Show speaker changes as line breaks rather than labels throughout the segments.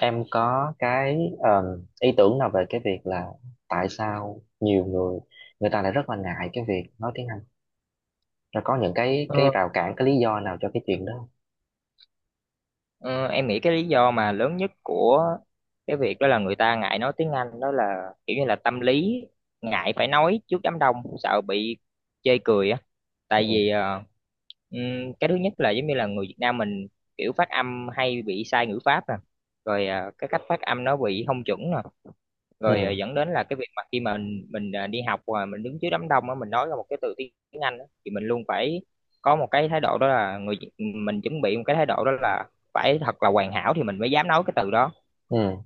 Em có cái ý tưởng nào về cái việc là tại sao nhiều người người ta lại rất là ngại cái việc nói tiếng Anh, rồi có những cái
Ờ,
rào cản, cái lý do nào cho cái chuyện đó không?
ờ, em nghĩ cái lý do mà lớn nhất của cái việc đó là người ta ngại nói tiếng Anh đó là kiểu như là tâm lý ngại phải nói trước đám đông, sợ bị chê cười á. Tại
Ừ.
vì cái thứ nhất là giống như là người Việt Nam mình kiểu phát âm hay bị sai ngữ pháp nè, rồi cái cách phát âm nó bị không chuẩn nè, rồi
Ừ.
dẫn đến là cái việc mà khi mà mình đi học và mình đứng trước đám đông á, mình nói ra một cái từ tiếng Anh á, thì mình luôn phải có một cái thái độ, đó là người mình chuẩn bị một cái thái độ đó là phải thật là hoàn hảo thì mình mới dám nói cái từ đó,
Ừ.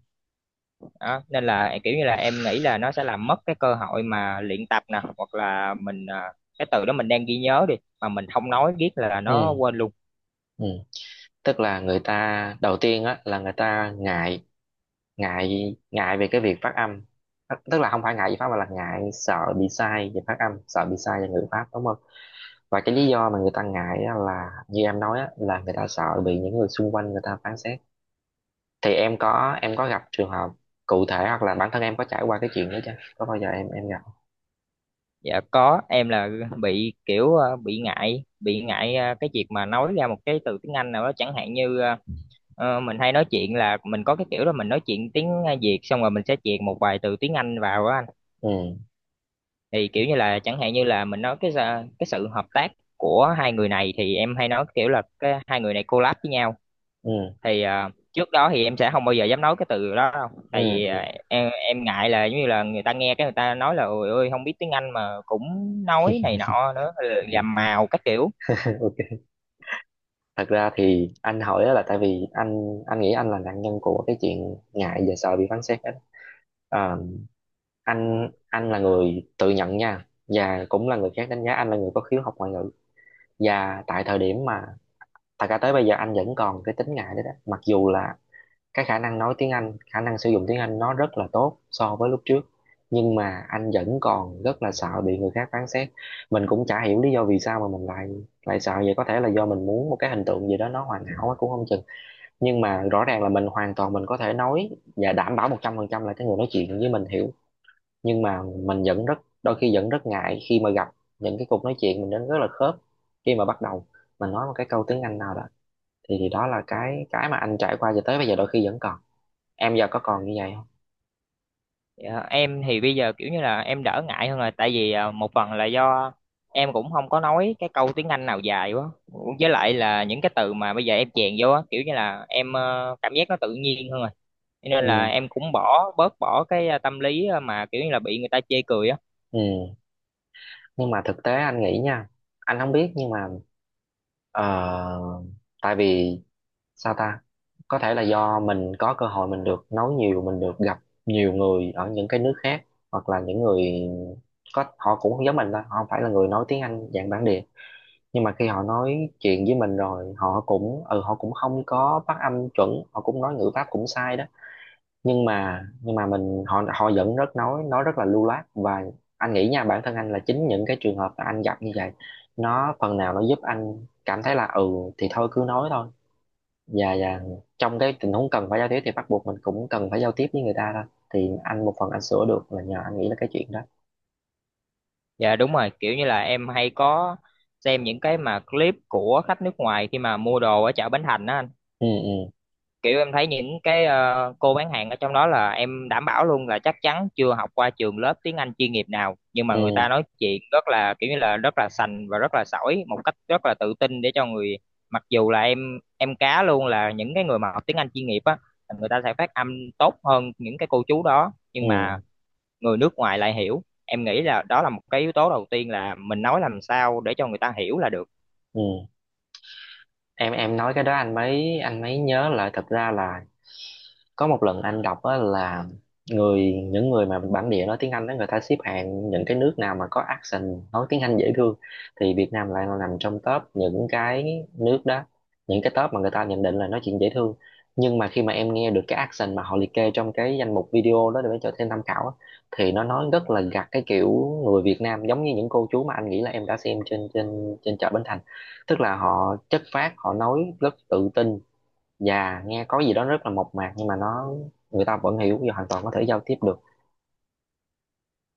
đó. Nên là kiểu như là em nghĩ là nó sẽ làm mất cái cơ hội mà luyện tập nè, hoặc là mình cái từ đó mình đang ghi nhớ đi mà mình không nói riết là nó
Ừ.
quên luôn.
Ừ. Tức là người ta đầu tiên á là người ta ngại ngại ngại về cái việc phát âm. Tức tức là không phải ngại về pháp mà là ngại, sợ bị sai về phát âm, sợ bị sai về ngữ pháp, đúng không? Và cái lý do mà người ta ngại á là như em nói á, là người ta sợ bị những người xung quanh người ta phán xét. Thì em có gặp trường hợp cụ thể hoặc là bản thân em có trải qua cái chuyện đó chưa, có bao giờ em gặp?
Dạ có, em là bị kiểu bị ngại cái việc mà nói ra một cái từ tiếng Anh nào đó, chẳng hạn như mình hay nói chuyện là mình có cái kiểu là mình nói chuyện tiếng Việt xong rồi mình sẽ chèn một vài từ tiếng Anh vào á anh.
Ừ.
Thì kiểu như là chẳng hạn như là mình nói cái sự hợp tác của hai người này thì em hay nói kiểu là cái hai người này collab với nhau.
Ừ.
Thì trước đó thì em sẽ không bao giờ dám nói cái từ đó đâu,
Ừ.
tại vì
Ừ.
em ngại là giống như là người ta nghe cái người ta nói là ôi ơi, không biết tiếng Anh mà cũng nói này nọ nữa,
Ừ.
làm màu các kiểu.
OK. Thật ra thì anh hỏi á là tại vì anh nghĩ anh là nạn nhân của cái chuyện ngại và sợ bị phán xét á. Ờ, anh là người tự nhận nha, và cũng là người khác đánh giá anh là người có khiếu học ngoại ngữ. Và tại thời điểm mà, thật ra tới bây giờ anh vẫn còn cái tính ngại đấy đó, mặc dù là cái khả năng nói tiếng Anh, khả năng sử dụng tiếng Anh nó rất là tốt so với lúc trước. Nhưng mà anh vẫn còn rất là sợ bị người khác phán xét. Mình cũng chả hiểu lý do vì sao mà mình lại lại sợ vậy, có thể là do mình muốn một cái hình tượng gì đó nó hoàn hảo quá cũng không chừng. Nhưng mà rõ ràng là mình hoàn toàn mình có thể nói và đảm bảo 100% là cái người nói chuyện với mình hiểu. Nhưng mà mình vẫn rất, đôi khi vẫn rất ngại khi mà gặp những cái cuộc nói chuyện mình đến rất là khớp, khi mà bắt đầu mình nói một cái câu tiếng Anh nào đó thì, đó là cái mà anh trải qua cho tới bây giờ đôi khi vẫn còn. Em giờ có còn như vậy không?
Dạ, em thì bây giờ kiểu như là em đỡ ngại hơn rồi, tại vì một phần là do em cũng không có nói cái câu tiếng Anh nào dài quá, với lại là những cái từ mà bây giờ em chèn vô á, kiểu như là em cảm giác nó tự nhiên hơn rồi. Cho nên là
Ừ.
em cũng bỏ cái tâm lý mà kiểu như là bị người ta chê cười á.
Ừ. Nhưng mà thực tế anh nghĩ nha, anh không biết nhưng mà ờ, tại vì sao ta, có thể là do mình có cơ hội mình được nói nhiều, mình được gặp nhiều người ở những cái nước khác, hoặc là những người có, họ cũng không giống mình đâu, họ không phải là người nói tiếng Anh dạng bản địa. Nhưng mà khi họ nói chuyện với mình rồi họ cũng không có phát âm chuẩn, họ cũng nói ngữ pháp cũng sai đó, nhưng mà mình họ họ vẫn rất nói rất là lưu loát. Và anh nghĩ nha, bản thân anh là chính những cái trường hợp mà anh gặp như vậy nó phần nào nó giúp anh cảm thấy là ừ thì thôi cứ nói thôi. Và trong cái tình huống cần phải giao tiếp thì bắt buộc mình cũng cần phải giao tiếp với người ta thôi. Thì anh, một phần anh sửa được là nhờ anh nghĩ là cái chuyện đó.
Dạ đúng rồi, kiểu như là em hay có xem những cái mà clip của khách nước ngoài khi mà mua đồ ở chợ Bến Thành á anh.
Ừ. Ừ.
Kiểu em thấy những cái cô bán hàng ở trong đó là em đảm bảo luôn là chắc chắn chưa học qua trường lớp tiếng Anh chuyên nghiệp nào, nhưng mà
Ừ.
người ta nói chuyện rất là kiểu như là rất là sành và rất là sỏi một cách rất là tự tin để cho người. Mặc dù là em cá luôn là những cái người mà học tiếng Anh chuyên nghiệp á, người ta sẽ phát âm tốt hơn những cái cô chú đó, nhưng mà
Ừ.
người nước ngoài lại hiểu. Em nghĩ là đó là một cái yếu tố đầu tiên là mình nói làm sao để cho người ta hiểu là được.
Ừ. Em nói cái đó anh mới nhớ lại, thật ra là có một lần anh đọc á là những người mà bản địa nói tiếng Anh đó người ta xếp hạng những cái nước nào mà có accent nói tiếng Anh dễ thương. Thì Việt Nam lại là nằm trong top những cái nước đó, những cái top mà người ta nhận định là nói chuyện dễ thương. Nhưng mà khi mà em nghe được cái accent mà họ liệt kê trong cái danh mục video đó để cho thêm tham khảo á, thì nó nói rất là gặt, cái kiểu người Việt Nam giống như những cô chú mà anh nghĩ là em đã xem trên trên trên chợ Bến Thành. Tức là họ chất phác, họ nói rất tự tin và nghe có gì đó rất là mộc mạc, nhưng mà người ta vẫn hiểu và hoàn toàn có thể giao tiếp được.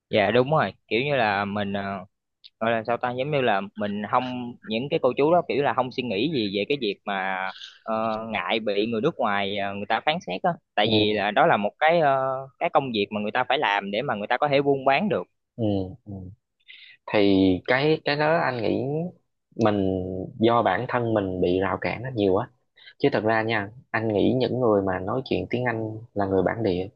Dạ đúng rồi, kiểu như là mình gọi là sao ta, giống như là mình không, những cái cô chú đó kiểu là không suy nghĩ gì về cái việc mà ờ, ngại bị người nước ngoài người ta phán xét á, tại vì
Ừ.
là đó là một cái cái công việc mà người ta phải làm để mà người ta có thể buôn bán được.
Ừ. Ừ. Thì cái đó anh nghĩ mình, do bản thân mình bị rào cản nó nhiều á, chứ thật ra nha anh nghĩ những người mà nói chuyện tiếng Anh là người bản địa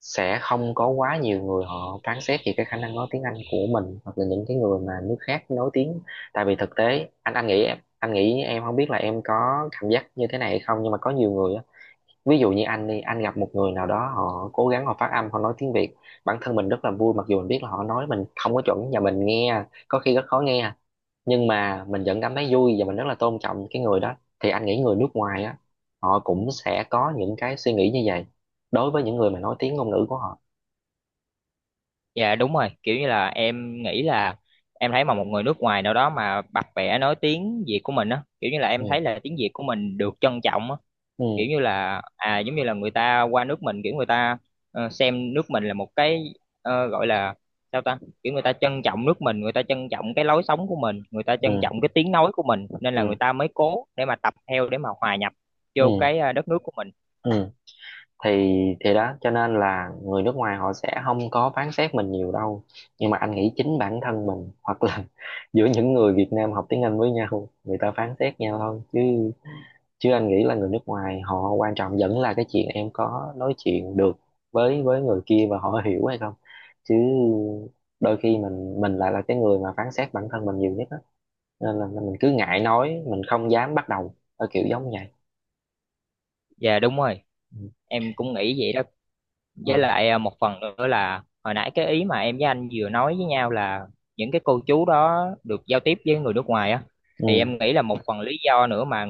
sẽ không có quá nhiều người họ phán xét về cái khả năng nói tiếng Anh của mình, hoặc là những cái người mà nước khác nói tiếng. Tại vì thực tế anh nghĩ em không biết là em có cảm giác như thế này hay không, nhưng mà có nhiều người á, ví dụ như anh đi, anh gặp một người nào đó họ cố gắng họ phát âm, họ nói tiếng Việt, bản thân mình rất là vui, mặc dù mình biết là họ nói mình không có chuẩn và mình nghe có khi rất khó nghe, nhưng mà mình vẫn cảm thấy vui và mình rất là tôn trọng cái người đó. Thì anh nghĩ người nước ngoài á, họ cũng sẽ có những cái suy nghĩ như vậy đối với những người mà nói tiếng ngôn ngữ của họ.
Dạ đúng rồi, kiểu như là em nghĩ là em thấy mà một người nước ngoài nào đó mà bập bẹ nói tiếng Việt của mình á, kiểu như là em
Ừ.
thấy là tiếng Việt của mình được trân trọng á. Kiểu
Ừ.
như là à, giống như là người ta qua nước mình, kiểu người ta xem nước mình là một cái gọi là sao ta, kiểu người ta trân trọng nước mình, người ta trân trọng cái lối sống của mình, người ta trân
Ừ.
trọng cái tiếng nói của mình, nên là người
Ừ.
ta mới cố để mà tập theo để mà hòa nhập vô
Ừ.
cái đất nước của mình.
Ừ. thì thì đó cho nên là người nước ngoài họ sẽ không có phán xét mình nhiều đâu. Nhưng mà anh nghĩ chính bản thân mình, hoặc là giữa những người Việt Nam học tiếng Anh với nhau người ta phán xét nhau thôi chứ, chứ anh nghĩ là người nước ngoài họ quan trọng vẫn là cái chuyện em có nói chuyện được với người kia và họ hiểu hay không. Chứ đôi khi mình lại là cái người mà phán xét bản thân mình nhiều nhất á, nên là mình cứ ngại nói, mình không dám bắt đầu ở kiểu giống vậy.
Dạ đúng rồi,
Ừ.
em cũng nghĩ vậy đó. Với
À.
lại một phần nữa là hồi nãy cái ý mà em với anh vừa nói với nhau là những cái cô chú đó được giao tiếp với người nước ngoài á, thì
Ừ.
em nghĩ là một phần lý do nữa mà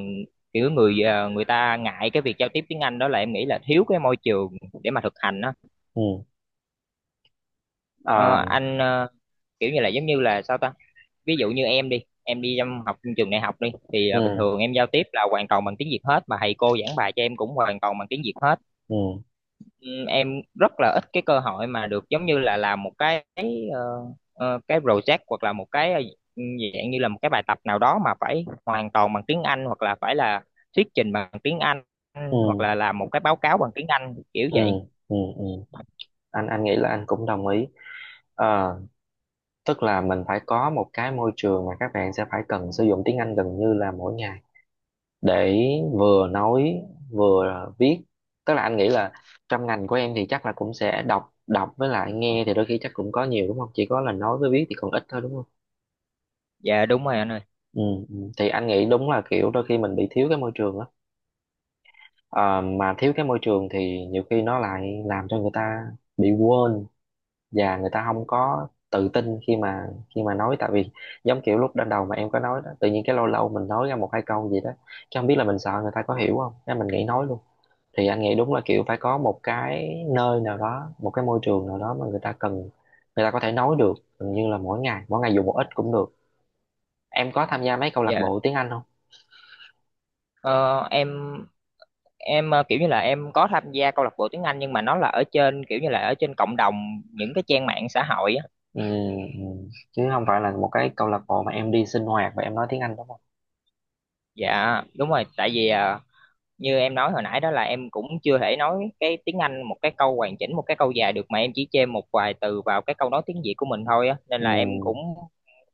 kiểu người người ta ngại cái việc giao tiếp tiếng Anh đó là em nghĩ là thiếu cái môi trường để mà thực hành á.
Ừ.
Ờ,
À.
anh ờ, kiểu như là giống như là sao ta, ví dụ như em đi trong học trường đại học đi thì à, bình
Ừ.
thường em giao tiếp là hoàn toàn bằng tiếng Việt hết, mà thầy cô giảng bài cho em cũng hoàn toàn bằng tiếng Việt hết.
Ừ.
Ừ, em rất là ít cái cơ hội mà được giống như là làm một cái ờ, cái project hoặc là một cái dạng như là một cái bài tập nào đó mà phải hoàn toàn bằng tiếng Anh, hoặc là phải là thuyết trình bằng tiếng Anh,
Ừ.
hoặc là làm một cái báo cáo bằng tiếng Anh kiểu
Ừ.
vậy.
Ừ. Ừ. Anh nghĩ là anh cũng đồng ý. Ờ, tức là mình phải có một cái môi trường mà các bạn sẽ phải cần sử dụng tiếng Anh gần như là mỗi ngày, để vừa nói, vừa viết. Tức là anh nghĩ là trong ngành của em thì chắc là cũng sẽ đọc đọc với lại nghe thì đôi khi chắc cũng có nhiều đúng không, chỉ có là nói với viết thì còn ít thôi đúng không?
Dạ đúng rồi anh ơi.
Ừ. Ừ. Thì anh nghĩ đúng là kiểu đôi khi mình bị thiếu cái môi trường. Ờ, mà thiếu cái môi trường thì nhiều khi nó lại làm cho người ta bị quên và người ta không có tự tin khi mà nói, tại vì giống kiểu lúc ban đầu mà em có nói đó tự nhiên cái lâu lâu mình nói ra một hai câu gì đó, chứ không biết là mình sợ người ta có hiểu không nên mình nghĩ nói luôn. Thì anh nghĩ đúng là kiểu phải có một cái nơi nào đó, một cái môi trường nào đó mà người ta cần, người ta có thể nói được gần như là mỗi ngày, mỗi ngày dù một ít cũng được. Em có tham gia mấy câu lạc
Dạ.
bộ tiếng Anh không?
Ờ, em kiểu như là em có tham gia câu lạc bộ tiếng Anh, nhưng mà nó là ở trên kiểu như là ở trên cộng đồng những cái trang mạng xã hội á.
Ừ. Ừ. Chứ không phải là một cái câu lạc bộ mà em đi sinh hoạt và em nói tiếng Anh đúng không?
Dạ đúng rồi, tại vì như em nói hồi nãy đó là em cũng chưa thể nói cái tiếng Anh một cái câu hoàn chỉnh, một cái câu dài được, mà em chỉ chêm một vài từ vào cái câu nói tiếng Việt của mình thôi á, nên
Ừ.
là em cũng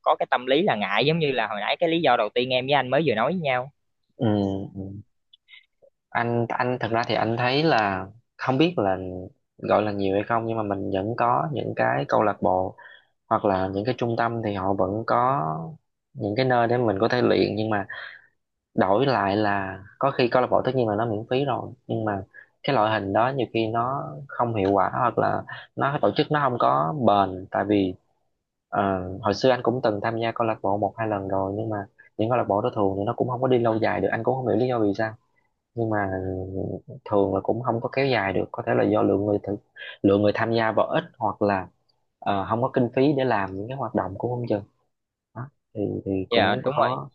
có cái tâm lý là ngại, giống như là hồi nãy cái lý do đầu tiên em với anh mới vừa nói với nhau.
Ừ. Ừ. anh thật ra thì anh thấy là không biết là gọi là nhiều hay không, nhưng mà mình vẫn có những cái câu lạc bộ hoặc là những cái trung tâm thì họ vẫn có những cái nơi để mình có thể luyện, nhưng mà đổi lại là có khi câu lạc bộ tất nhiên là nó miễn phí rồi nhưng mà cái loại hình đó nhiều khi nó không hiệu quả, hoặc là nó tổ chức nó không có bền. Tại vì ờ, hồi xưa anh cũng từng tham gia câu lạc bộ một hai lần rồi nhưng mà những câu lạc bộ đó thường thì nó cũng không có đi lâu dài được, anh cũng không hiểu lý do vì sao, nhưng mà thường là cũng không có kéo dài được, có thể là do lượng người tham gia vào ít, hoặc là không có kinh phí để làm những cái hoạt động của không chừng đó, thì
Dạ
cũng
đúng rồi,
khó.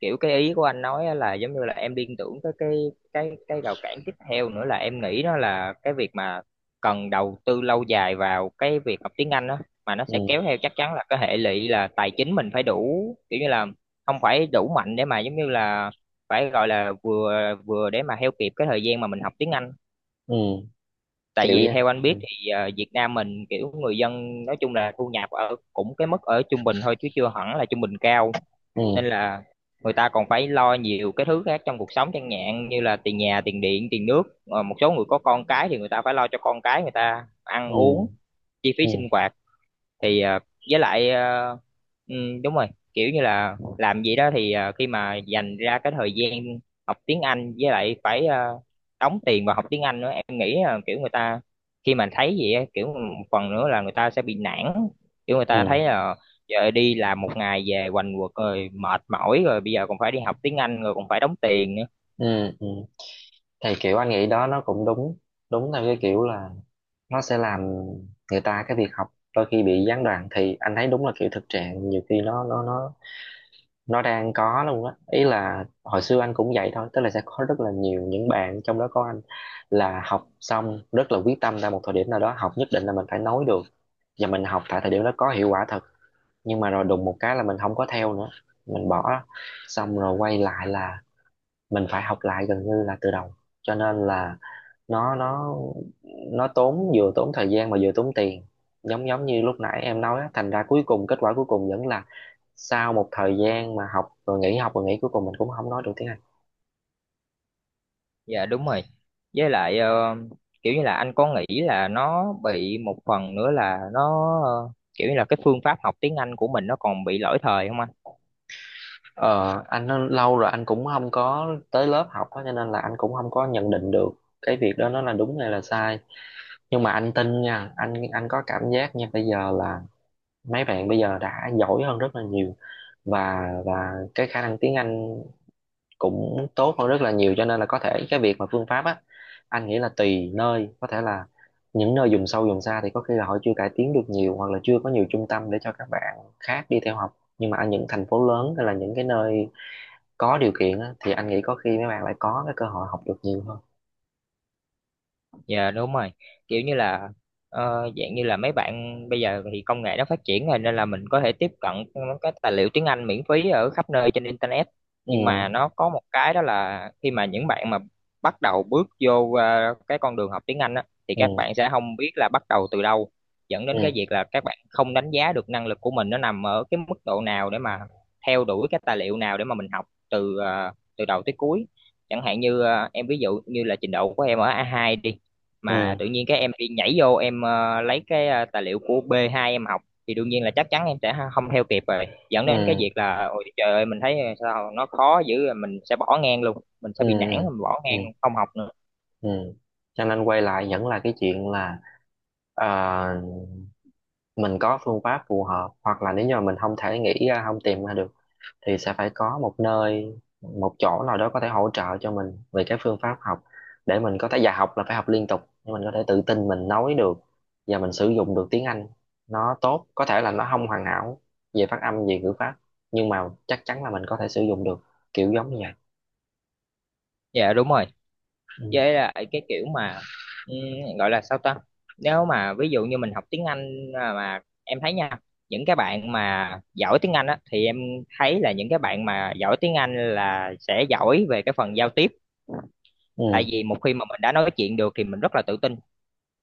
kiểu cái ý của anh nói á là giống như là em liên tưởng tới cái rào cản tiếp theo nữa là em nghĩ đó là cái việc mà cần đầu tư lâu dài vào cái việc học tiếng Anh đó, mà nó sẽ kéo
Ừ.
theo chắc chắn là cái hệ lụy là tài chính mình phải đủ, kiểu như là không phải đủ mạnh để mà giống như là phải gọi là vừa vừa để mà theo kịp cái thời gian mà mình học tiếng Anh.
Ừ.
Tại
Hiểu
vì
vậy.
theo anh biết
Ừ.
thì Việt Nam mình kiểu người dân nói chung là thu nhập ở cũng cái mức ở trung bình thôi, chứ chưa hẳn là trung bình cao. Nên
Ừ.
là người ta còn phải lo nhiều cái thứ khác trong cuộc sống, chẳng hạn như là tiền nhà, tiền điện, tiền nước. Ờ, một số người có con cái thì người ta phải lo cho con cái người ta ăn uống,
Ừ.
chi phí sinh
Ừ.
hoạt. Thì ờ, với lại ờ, ừ, đúng rồi, kiểu như là làm gì đó thì khi mà dành ra cái thời gian học tiếng Anh với lại phải đóng tiền vào học tiếng Anh nữa, em nghĩ là kiểu người ta khi mà thấy vậy á, kiểu một phần nữa là người ta sẽ bị nản, kiểu người ta thấy
Ừ.
là giờ đi làm một ngày về quành quật rồi mệt mỏi rồi, bây giờ còn phải đi học tiếng Anh rồi còn phải đóng tiền nữa.
Ừ. Ừ. Thì kiểu anh nghĩ đó nó cũng đúng, đúng theo cái kiểu là nó sẽ làm người ta, cái việc học đôi khi bị gián đoạn, thì anh thấy đúng là kiểu thực trạng nhiều khi nó đang có luôn á, ý là hồi xưa anh cũng vậy thôi, tức là sẽ có rất là nhiều những bạn trong đó có anh là học xong rất là quyết tâm ra một thời điểm nào đó học nhất định là mình phải nói được, và mình học tại thời điểm đó có hiệu quả thật, nhưng mà rồi đùng một cái là mình không có theo nữa, mình bỏ, xong rồi quay lại là mình phải học lại gần như là từ đầu. Cho nên là nó nó nó tốn, vừa tốn thời gian mà vừa tốn tiền, giống giống như lúc nãy em nói á, thành ra cuối cùng kết quả cuối cùng vẫn là sau một thời gian mà học rồi nghỉ cuối cùng mình cũng không nói được tiếng Anh.
Dạ đúng rồi. Với lại kiểu như là anh có nghĩ là nó bị một phần nữa là nó kiểu như là cái phương pháp học tiếng Anh của mình nó còn bị lỗi thời không anh?
Ờ, anh nói lâu rồi anh cũng không có tới lớp học á, cho nên là anh cũng không có nhận định được cái việc đó nó là đúng hay là sai. Nhưng mà anh tin nha, anh có cảm giác nha bây giờ là mấy bạn bây giờ đã giỏi hơn rất là nhiều, và cái khả năng tiếng Anh cũng tốt hơn rất là nhiều. Cho nên là có thể cái việc mà phương pháp á, anh nghĩ là tùy nơi, có thể là những nơi vùng sâu vùng xa thì có khi là họ chưa cải tiến được nhiều, hoặc là chưa có nhiều trung tâm để cho các bạn khác đi theo học, nhưng mà ở những thành phố lớn hay là những cái nơi có điều kiện á, thì anh nghĩ có khi mấy bạn lại có cái cơ hội học được nhiều hơn.
Dạ đúng rồi, kiểu như là dạng như là mấy bạn bây giờ thì công nghệ nó phát triển rồi nên là mình có thể tiếp cận các tài liệu tiếng Anh miễn phí ở khắp nơi trên internet. Nhưng
Ừ.
mà nó có một cái đó là khi mà những bạn mà bắt đầu bước vô cái con đường học tiếng Anh á, thì các
Ừ.
bạn sẽ không biết là bắt đầu từ đâu, dẫn đến cái
Ừ.
việc là các bạn không đánh giá được năng lực của mình nó nằm ở cái mức độ nào để mà theo đuổi cái tài liệu nào để mà mình học từ từ đầu tới cuối. Chẳng hạn như em ví dụ như là trình độ của em ở A2 đi, mà
Ừ.
tự nhiên cái em đi nhảy vô em lấy cái tài liệu của B2 em học, thì đương nhiên là chắc chắn em sẽ không theo kịp rồi, dẫn đến cái
Ừ.
việc là ôi trời ơi, mình thấy sao nó khó dữ rồi, mình sẽ bỏ ngang luôn, mình
Ừ.
sẽ bị nản, mình bỏ ngang
Ừ.
luôn, không học nữa.
Ừ. Cho nên quay lại vẫn là cái chuyện là ờ, mình có phương pháp phù hợp, hoặc là nếu như mà mình không thể nghĩ ra, không tìm ra được thì sẽ phải có một nơi, một chỗ nào đó có thể hỗ trợ cho mình về cái phương pháp học, để mình có thể, và học là phải học liên tục để mình có thể tự tin mình nói được và mình sử dụng được tiếng Anh nó tốt, có thể là nó không hoàn hảo về phát âm, về ngữ pháp, nhưng mà chắc chắn là mình có thể sử dụng được, kiểu giống như vậy.
Dạ đúng rồi.
Ừ.
Với lại cái kiểu mà ừm, gọi là sao ta, nếu mà ví dụ như mình học tiếng Anh à, mà em thấy nha, những cái bạn mà giỏi tiếng Anh á thì em thấy là những cái bạn mà giỏi tiếng Anh là sẽ giỏi về cái phần giao tiếp. Tại
Ừ.
vì một khi mà mình đã nói chuyện được thì mình rất là tự tin,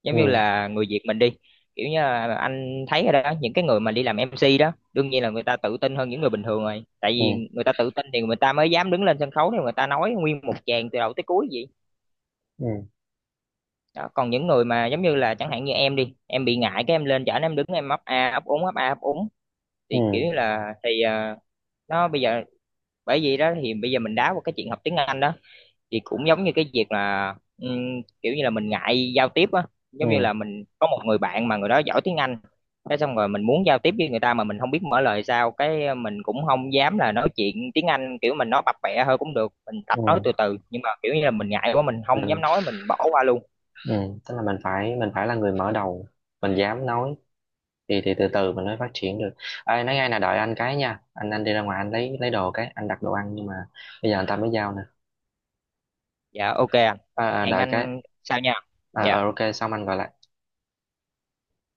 giống như
Ừ.
là người Việt mình đi, kiểu như là anh thấy rồi đó, những cái người mà đi làm MC đó đương nhiên là người ta tự tin hơn những người bình thường rồi, tại
Ừ.
vì người ta tự tin thì người ta mới dám đứng lên sân khấu thì người ta nói nguyên một tràng từ đầu tới cuối vậy
Ừ.
đó. Còn những người mà giống như là chẳng hạn như em đi em bị ngại cái em lên chở em đứng em ấp a ấp úng ấp a ấp úng
Ừ.
thì kiểu như là thì nó bây giờ, bởi vì đó thì bây giờ mình đá qua cái chuyện học tiếng Anh đó, thì cũng giống như cái việc là kiểu như là mình ngại giao tiếp á, giống như
Ừ.
là mình có một người bạn mà người đó giỏi tiếng Anh, thế xong rồi mình muốn giao tiếp với người ta mà mình không biết mở lời sao, cái mình cũng không dám là nói chuyện tiếng Anh, kiểu mình nói bập bẹ hơi cũng được mình tập nói
Ừ.
từ từ, nhưng mà kiểu như là mình ngại quá mình không dám
Mình.
nói mình bỏ qua luôn.
Ừ. Tức là mình phải là người mở đầu, mình dám nói, thì từ từ mình mới phát triển được. Ai nói ngay là đợi anh cái nha, anh đi ra ngoài anh lấy đồ cái anh đặt đồ ăn nhưng mà bây giờ anh ta mới giao nè.
Dạ, ok anh.
Ờ,
Hẹn
Đợi cái.
anh sau nha. Dạ.
Ờ, OK, xong anh gọi lại.